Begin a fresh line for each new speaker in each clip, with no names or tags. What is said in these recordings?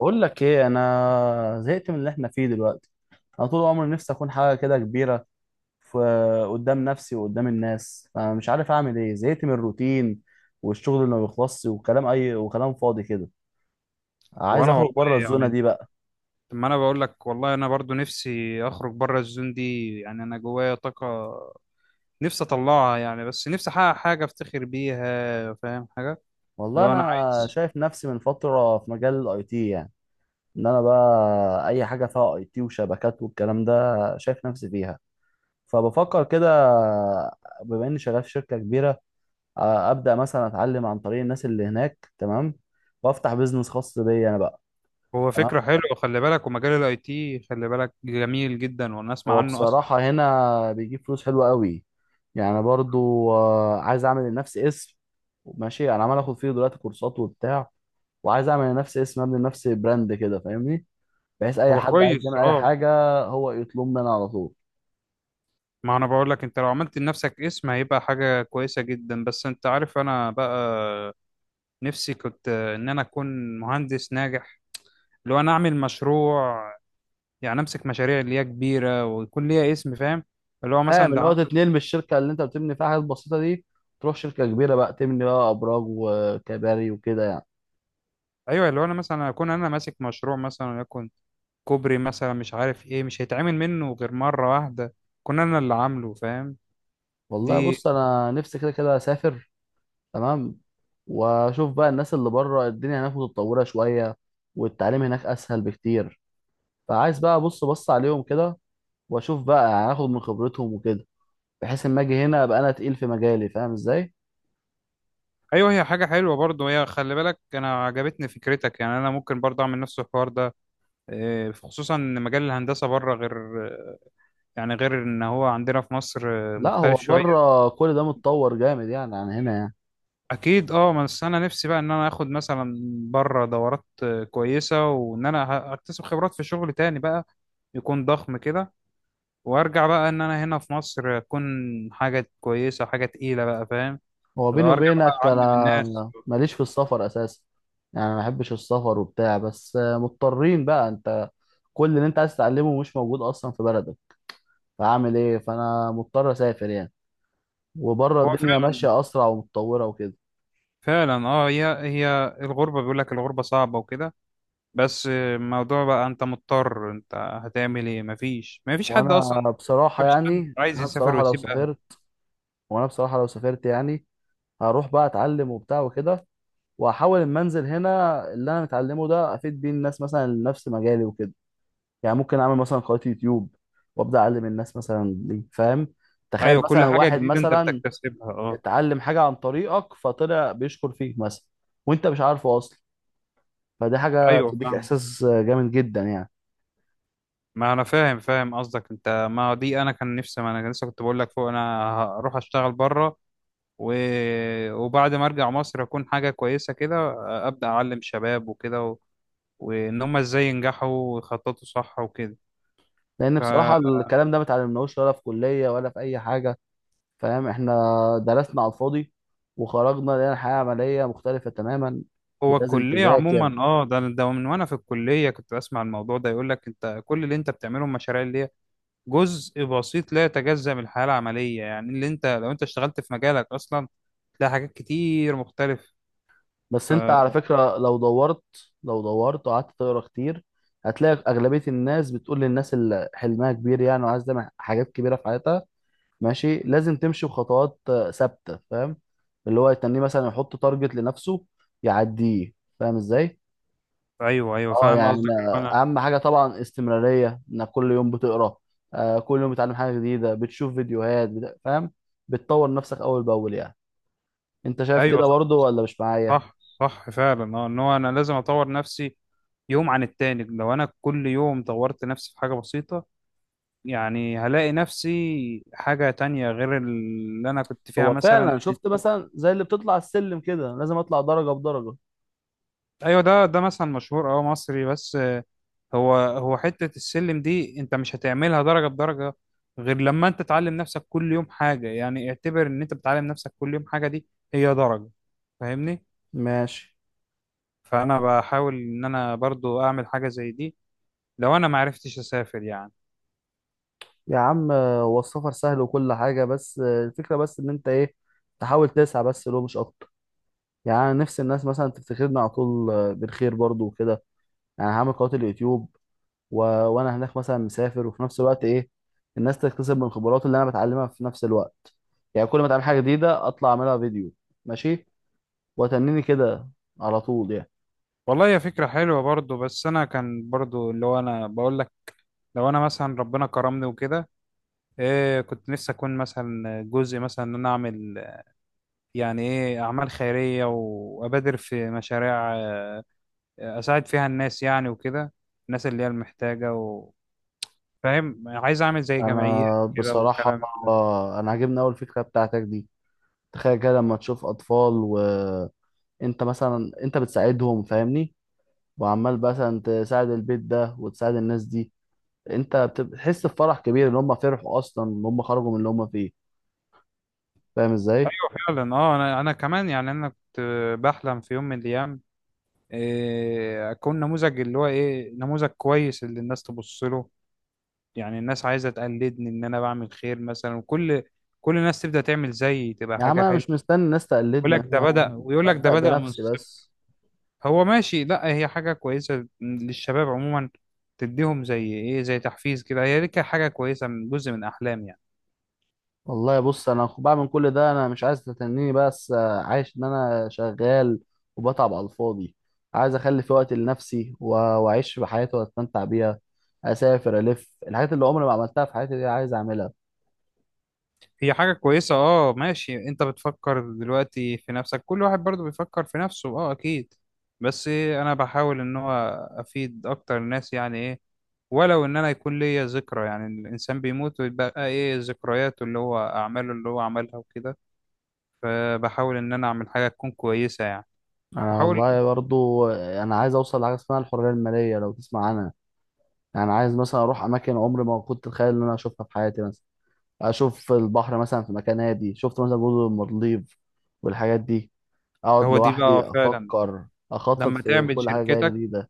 بقول لك ايه، انا زهقت من اللي احنا فيه دلوقتي. انا طول عمري نفسي اكون حاجه كده كبيره في قدام نفسي وقدام الناس، فمش عارف اعمل ايه. زهقت من الروتين والشغل اللي ما بيخلصش وكلام اي وكلام فاضي كده. عايز
وانا
اخرج
والله،
بره الزونه
يعني
دي بقى.
لما انا بقول لك والله انا برضو نفسي اخرج بره الزون دي. يعني انا جوايا طاقه نفسي اطلعها، يعني بس نفسي احقق حاجه افتخر بيها. فاهم حاجه؟ اللي
والله
هو انا
انا
عايز.
شايف نفسي من فتره في مجال الاي تي يعني، ان انا بقى اي حاجه فيها اي تي وشبكات والكلام ده شايف نفسي فيها. فبفكر كده، بما اني شغال في شركه كبيره، ابدا مثلا اتعلم عن طريق الناس اللي هناك، تمام، وافتح بيزنس خاص بيا انا بقى.
هو
تمام.
فكره حلوه، خلي بالك. ومجال الاي تي خلي بالك جميل جدا، وانا اسمع
هو
عنه اصلا.
بصراحه هنا بيجيب فلوس حلوه قوي يعني. برضو عايز اعمل لنفسي اسم. ماشي، انا عمال اخد فيه دلوقتي كورسات وبتاع، وعايز اعمل لنفسي اسم، ابني لنفسي براند كده، فاهمني؟ بحيث اي
هو
حد عايز
كويس
يعمل اي
اه.
حاجه، هو يطلب مني على طول.
ما انا بقول لك انت لو عملت لنفسك اسم هيبقى حاجه كويسه جدا. بس انت عارف انا بقى نفسي كنت ان انا اكون مهندس ناجح. لو انا اعمل مشروع، يعني امسك مشاريع اللي هي كبيره ويكون ليها اسم، فاهم؟ اللي هو
فاهم؟
مثلا ده
اللي هو
عم...
تتنقل من الشركه اللي انت بتبني فيها حاجات بسيطه دي، تروح شركه كبيره بقى تبني بقى ابراج وكباري وكده يعني.
ايوه، اللي هو انا مثلا اكون انا ماسك مشروع مثلا، وليكن كوبري مثلا، مش عارف ايه، مش هيتعمل منه غير مره واحده كنا انا اللي عامله، فاهم؟
والله
دي.
بص، انا نفسي كده كده اسافر. تمام. واشوف بقى الناس اللي بره، الدنيا هناك متطوره شويه، والتعليم هناك اسهل بكتير. فعايز بقى ابص بص عليهم كده، واشوف بقى هاخد من خبرتهم وكده، بحيث اما اجي هنا ابقى انا تقيل في مجالي. فاهم ازاي؟
ايوه، هي حاجه حلوه برضه، هي خلي بالك، انا عجبتني فكرتك. يعني انا ممكن برضه اعمل نفس الحوار ده، خصوصا ان مجال الهندسه بره غير، يعني غير ان هو عندنا في مصر
لا، هو
مختلف شويه.
بره كل ده متطور جامد يعني، عن هنا يعني.
اكيد اه. بس انا نفسي بقى ان انا اخد مثلا بره دورات كويسه، وان انا اكتسب خبرات في شغل تاني بقى يكون ضخم كده، وارجع بقى ان انا هنا في مصر اكون حاجه كويسه، حاجه تقيله بقى، فاهم؟
هو
لو
بيني
ارجع بقى
وبينك
اعلم الناس.
انا ماليش في السفر اساسا، يعني ما بحبش السفر وبتاع. بس مضطرين بقى، انت كل اللي انت عايز تتعلمه مش موجود اصلا في بلدك، فاعمل ايه؟ فانا مضطر اسافر يعني. وبره
هو
الدنيا
فعلا.
ماشية أسرع ومتطورة وكده.
فعلا اه، هي هي الغربه، بيقول لك الغربه صعبه وكده، بس الموضوع بقى انت مضطر، انت هتعمل ايه؟ مفيش، مفيش حد اصلا.
وأنا بصراحة
مفيش حد
يعني،
عايز
أنا
يسافر
بصراحة لو
ويسيب اهله.
سافرت، وأنا بصراحة لو سافرت يعني هروح بقى أتعلم وبتاع وكده، وهحاول إما أنزل هنا اللي أنا متعلمه ده أفيد بيه الناس مثلا اللي نفس مجالي وكده. يعني ممكن أعمل مثلا قناة يوتيوب، وأبدأ أعلم الناس مثلا دي. فاهم؟ تخيل
ايوه كل
مثلا
حاجه
واحد
جديده انت
مثلا
بتكتسبها اه.
اتعلم حاجة عن طريقك، فطلع بيشكر فيك مثلا وأنت مش عارفه أصلا. فدي حاجة
ايوه
بتديك
فاهم.
إحساس جامد جدا يعني.
ما انا فاهم قصدك. انت ما هو دي انا كان نفسي، ما انا لسه كنت بقول لك فوق انا هروح اشتغل بره و... وبعد ما ارجع مصر اكون حاجه كويسه كده، ابدا اعلم شباب وكده و... وان هم ازاي ينجحوا ويخططوا صح وكده.
لان بصراحه
فهو.
الكلام ده ما اتعلمناهوش، ولا في كليه ولا في اي حاجه. فاهم؟ احنا درسنا على الفاضي، وخرجنا لقينا الحياه عمليه مختلفه تماما، ولازم
الكليه
تذاكر.
عموما اه، ده ده من وانا في الكليه كنت بسمع الموضوع ده، يقول لك انت كل اللي انت بتعمله المشاريع اللي هي جزء بسيط لا يتجزأ من الحياه العمليه. يعني اللي انت لو انت اشتغلت في مجالك اصلا تلاقي حاجات كتير مختلفه.
بس انت على فكره لو دورت وقعدت تقرا كتير، هتلاقي اغلبيه الناس بتقول للناس اللي حلمها كبير يعني وعايز تعمل حاجات كبيره في حياتها، ماشي، لازم تمشي بخطوات ثابته. فاهم؟ اللي هو يتنيه مثلا يحط تارجت لنفسه يعديه. فاهم ازاي؟
ايوه، ايوه
اه
فاهم
يعني
قصدك. انا.
اهم حاجه طبعا استمراريه، انك كل يوم بتقرا، كل يوم بتتعلم حاجه جديده، بتشوف فيديوهات. فاهم؟ بتطور نفسك اول باول يعني. انت شايف
ايوه،
كده
صح.
برضه ولا مش معايا؟
صح فعلا اه. ان هو انا لازم اطور نفسي يوم عن التاني. لو انا كل يوم طورت نفسي في حاجه بسيطه، يعني هلاقي نفسي حاجه تانية غير اللي انا كنت فيها
هو
مثلا.
فعلا، شفت مثلا زي اللي بتطلع السلم كده لازم اطلع درجه بدرجه.
ايوه، ده ده مثلا مشهور اه مصري، بس هو هو حته السلم دي انت مش هتعملها درجه بدرجه غير لما انت تعلم نفسك كل يوم حاجه. يعني اعتبر ان انت بتعلم نفسك كل يوم حاجه، دي هي درجه، فاهمني؟
ماشي.
فانا بحاول ان انا برضو اعمل حاجه زي دي، لو انا ما عرفتش اسافر يعني.
يا عم هو السفر سهل وكل حاجه، بس الفكره بس ان انت ايه، تحاول تسعى، بس لو مش اكتر. يعني أنا نفسي الناس مثلا تفتكرنا على طول بالخير برضه وكده. يعني هعمل قناه اليوتيوب، وانا هناك مثلا مسافر، وفي نفس الوقت ايه، الناس تكتسب من خبرات اللي انا بتعلمها في نفس الوقت. يعني كل ما اتعلم حاجه جديده اطلع اعملها فيديو. ماشي، وتنيني كده على طول يعني.
والله هي فكرة حلوة برضو. بس انا كان برضو اللي هو انا بقول لك لو انا مثلا ربنا كرمني وكده، كنت نفسي اكون مثلا جزء، مثلا ان انا اعمل يعني ايه اعمال خيرية، وابادر في مشاريع اساعد فيها الناس، يعني وكده الناس اللي هي المحتاجة و... فاهم؟ عايز اعمل زي جمعية
انا
كده
بصراحه،
والكلام ده.
انا عاجبني اول فكره بتاعتك دي. تخيل كده لما تشوف اطفال وانت مثلا انت بتساعدهم، فاهمني؟ وعمال مثلا تساعد البيت ده وتساعد الناس دي، انت بتحس بفرح كبير ان هم فرحوا اصلا، ان هم خرجوا من اللي هم فيه. فاهم ازاي؟
فعلا اه. انا انا كمان يعني، انا كنت بحلم في يوم من الايام اكون نموذج، اللي هو ايه، نموذج كويس اللي الناس تبص له. يعني الناس عايزة تقلدني ان انا بعمل خير مثلا، وكل كل الناس تبدأ تعمل زيي، تبقى
يا عم
حاجة
انا
حلوة.
مش مستني الناس
يقول
تقلدني،
لك ده
انا
بدأ، ويقول لك ده
ببدأ
بدأ من
بنفسي
الصفر.
بس.
هو ماشي. لا هي حاجة كويسة للشباب عموما، تديهم زي ايه، زي تحفيز كده. هي دي كانت حاجة كويسة من جزء من احلامي يعني.
والله بص، انا بعمل كل ده انا مش عايز تتنيني. بس عايش ان انا شغال وبتعب على الفاضي. عايز اخلي في وقت لنفسي و- واعيش في حياتي واتمتع بيها، اسافر، الف الحاجات اللي عمري ما عملتها في حياتي دي عايز اعملها.
هي حاجة كويسة اه ماشي، انت بتفكر دلوقتي في نفسك، كل واحد برضو بيفكر في نفسه اه اكيد. بس انا بحاول ان هو افيد اكتر الناس، يعني ايه، ولو ان انا يكون ليا ذكرى. يعني الانسان بيموت ويبقى ايه، ذكرياته اللي هو اعماله اللي هو عملها وكده. فبحاول ان انا اعمل حاجة تكون كويسة يعني.
انا
بحاول.
والله برضو انا عايز اوصل لحاجه اسمها الحريه الماليه، لو تسمع عنها. يعني عايز مثلا اروح اماكن عمري ما كنت اتخيل ان انا اشوفها في حياتي مثلا، اشوف البحر مثلا في مكان هادي، شفت مثلا جزر المالديف والحاجات دي. اقعد
هو دي
لوحدي
بقى فعلا.
افكر، اخطط
لما
في
تعمل
كل حاجه جايه
شركتك،
جديده.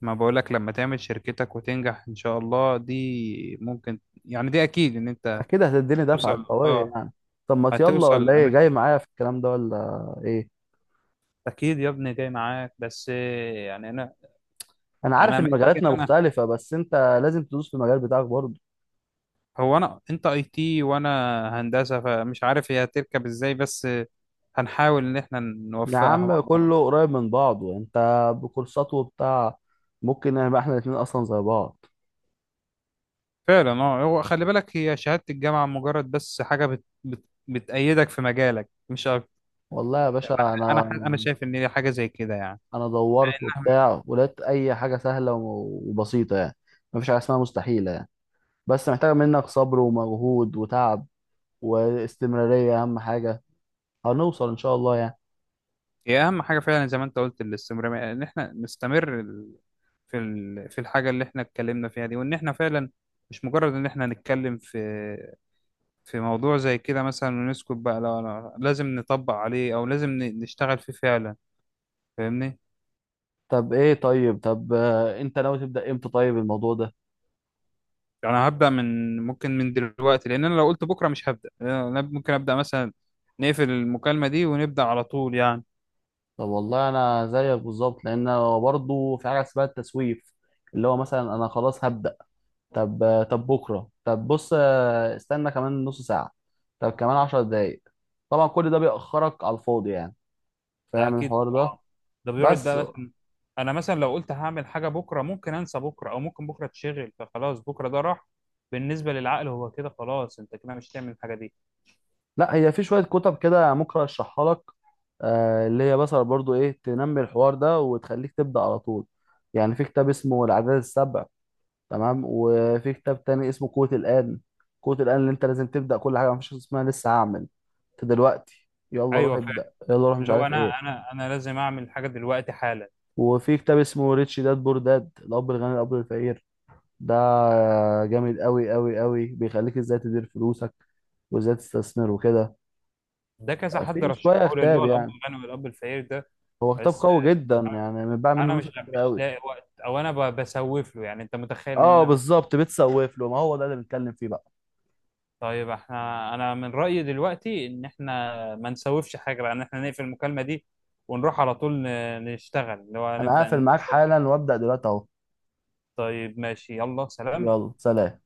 ما بقولك لما تعمل شركتك وتنجح ان شاء الله، دي ممكن، يعني دي اكيد ان انت
اكيد هتديني دفعه
توصل
قويه
اه.
يعني. طب ما يلا،
هتوصل
ولا ايه،
الاماكن.
جاي معايا في الكلام ده ولا ايه؟
اكيد يا ابني جاي معاك، بس يعني انا،
انا عارف
انا
ان
محتاج
مجالاتنا
ان انا،
مختلفه، بس انت لازم تدوس في المجال بتاعك برضه.
هو انا انت اي تي وانا هندسه، فمش عارف هي هتركب ازاي، بس هنحاول ان احنا
يا
نوفقها مع
عم
بعض.
كله قريب من بعضه، انت بكورسات وبتاع، ممكن نبقى احنا الاتنين اصلا زي بعض.
فعلا اه. هو خلي بالك هي شهاده الجامعه مجرد بس حاجه بتأيدك في مجالك مش أكتر.
والله يا باشا، انا،
انا، انا شايف ان هي حاجه زي كده يعني.
انا دورت وبتاع ولقيت اي حاجه سهله و- وبسيطه يعني. مفيش حاجه اسمها مستحيله يعني، بس محتاجه منك صبر ومجهود وتعب، واستمراريه اهم حاجه. هنوصل ان شاء الله يعني.
هي اهم حاجه فعلا زي ما انت قلت، الاستمراريه. ان احنا نستمر في في الحاجه اللي احنا اتكلمنا فيها دي، وان احنا فعلا مش مجرد ان احنا نتكلم في في موضوع زي كده مثلا ونسكت بقى. لا لا، لازم نطبق عليه، او لازم نشتغل فيه فعلا، فاهمني؟
طب ايه، طيب، طب آه، انت ناوي تبدا امتى طيب الموضوع ده؟
يعني هبدا من ممكن من دلوقتي، لان انا لو قلت بكره مش هبدا. أنا ممكن ابدا مثلا نقفل المكالمه دي ونبدا على طول يعني.
طب والله انا زيك بالظبط، لان أنا برضه في حاجه اسمها التسويف، اللي هو مثلا انا خلاص هبدا. طب طب بكره، طب بص استنى كمان نص ساعه، طب كمان 10 دقايق. طبعا كل ده بيأخرك على الفاضي يعني.
ده
فاهم
اكيد
الحوار ده؟
طبعا، ده بيقعد
بس
بقى مثلا. انا مثلا لو قلت هعمل حاجه بكره، ممكن انسى بكره، او ممكن بكره اتشغل فخلاص بكره ده راح. بالنسبه للعقل هو كده خلاص، انت كده مش هتعمل الحاجه دي.
لا، هي في شوية كتب كده ممكن ارشحها لك، اللي هي مثلا برضو ايه تنمي الحوار ده وتخليك تبدأ على طول يعني. في كتاب اسمه العادات السبع، تمام، وفي كتاب تاني اسمه قوة الآن. قوة الآن اللي انت لازم تبدأ كل حاجة، مفيش حاجة اسمها لسه هعمل، انت دلوقتي يلا روح
ايوه فعلا.
ابدأ، يلا روح مش
اللي هو
عارف
انا،
ايه.
انا لازم اعمل حاجه دلوقتي حالا.
وفي كتاب اسمه ريتش داد بور داد، الأب الغني الأب الفقير ده، جامد قوي قوي قوي، بيخليك ازاي تدير فلوسك وازاي تستثمر وكده.
ده كذا حد
في
رشحه
شوية
لي، اللي
كتاب
هو الاب
يعني،
الغني والاب الفقير ده.
هو كتاب
بس
قوي جدا يعني، متباع
انا
منه
مش،
نسخ كتير
مش
قوي.
لاقي وقت، او انا بسوف له. يعني انت متخيل
اه
ان انا؟ بس.
بالظبط، بتسوف له، ما هو ده اللي بنتكلم فيه بقى.
طيب احنا، انا من رأيي دلوقتي ان احنا ما نسوفش حاجة بقى، ان احنا نقفل المكالمة دي ونروح على طول نشتغل، اللي هو
انا
نبدأ
هقفل معاك حالا وابدا دلوقتي اهو.
طيب ماشي، يلا سلام.
يلا سلام.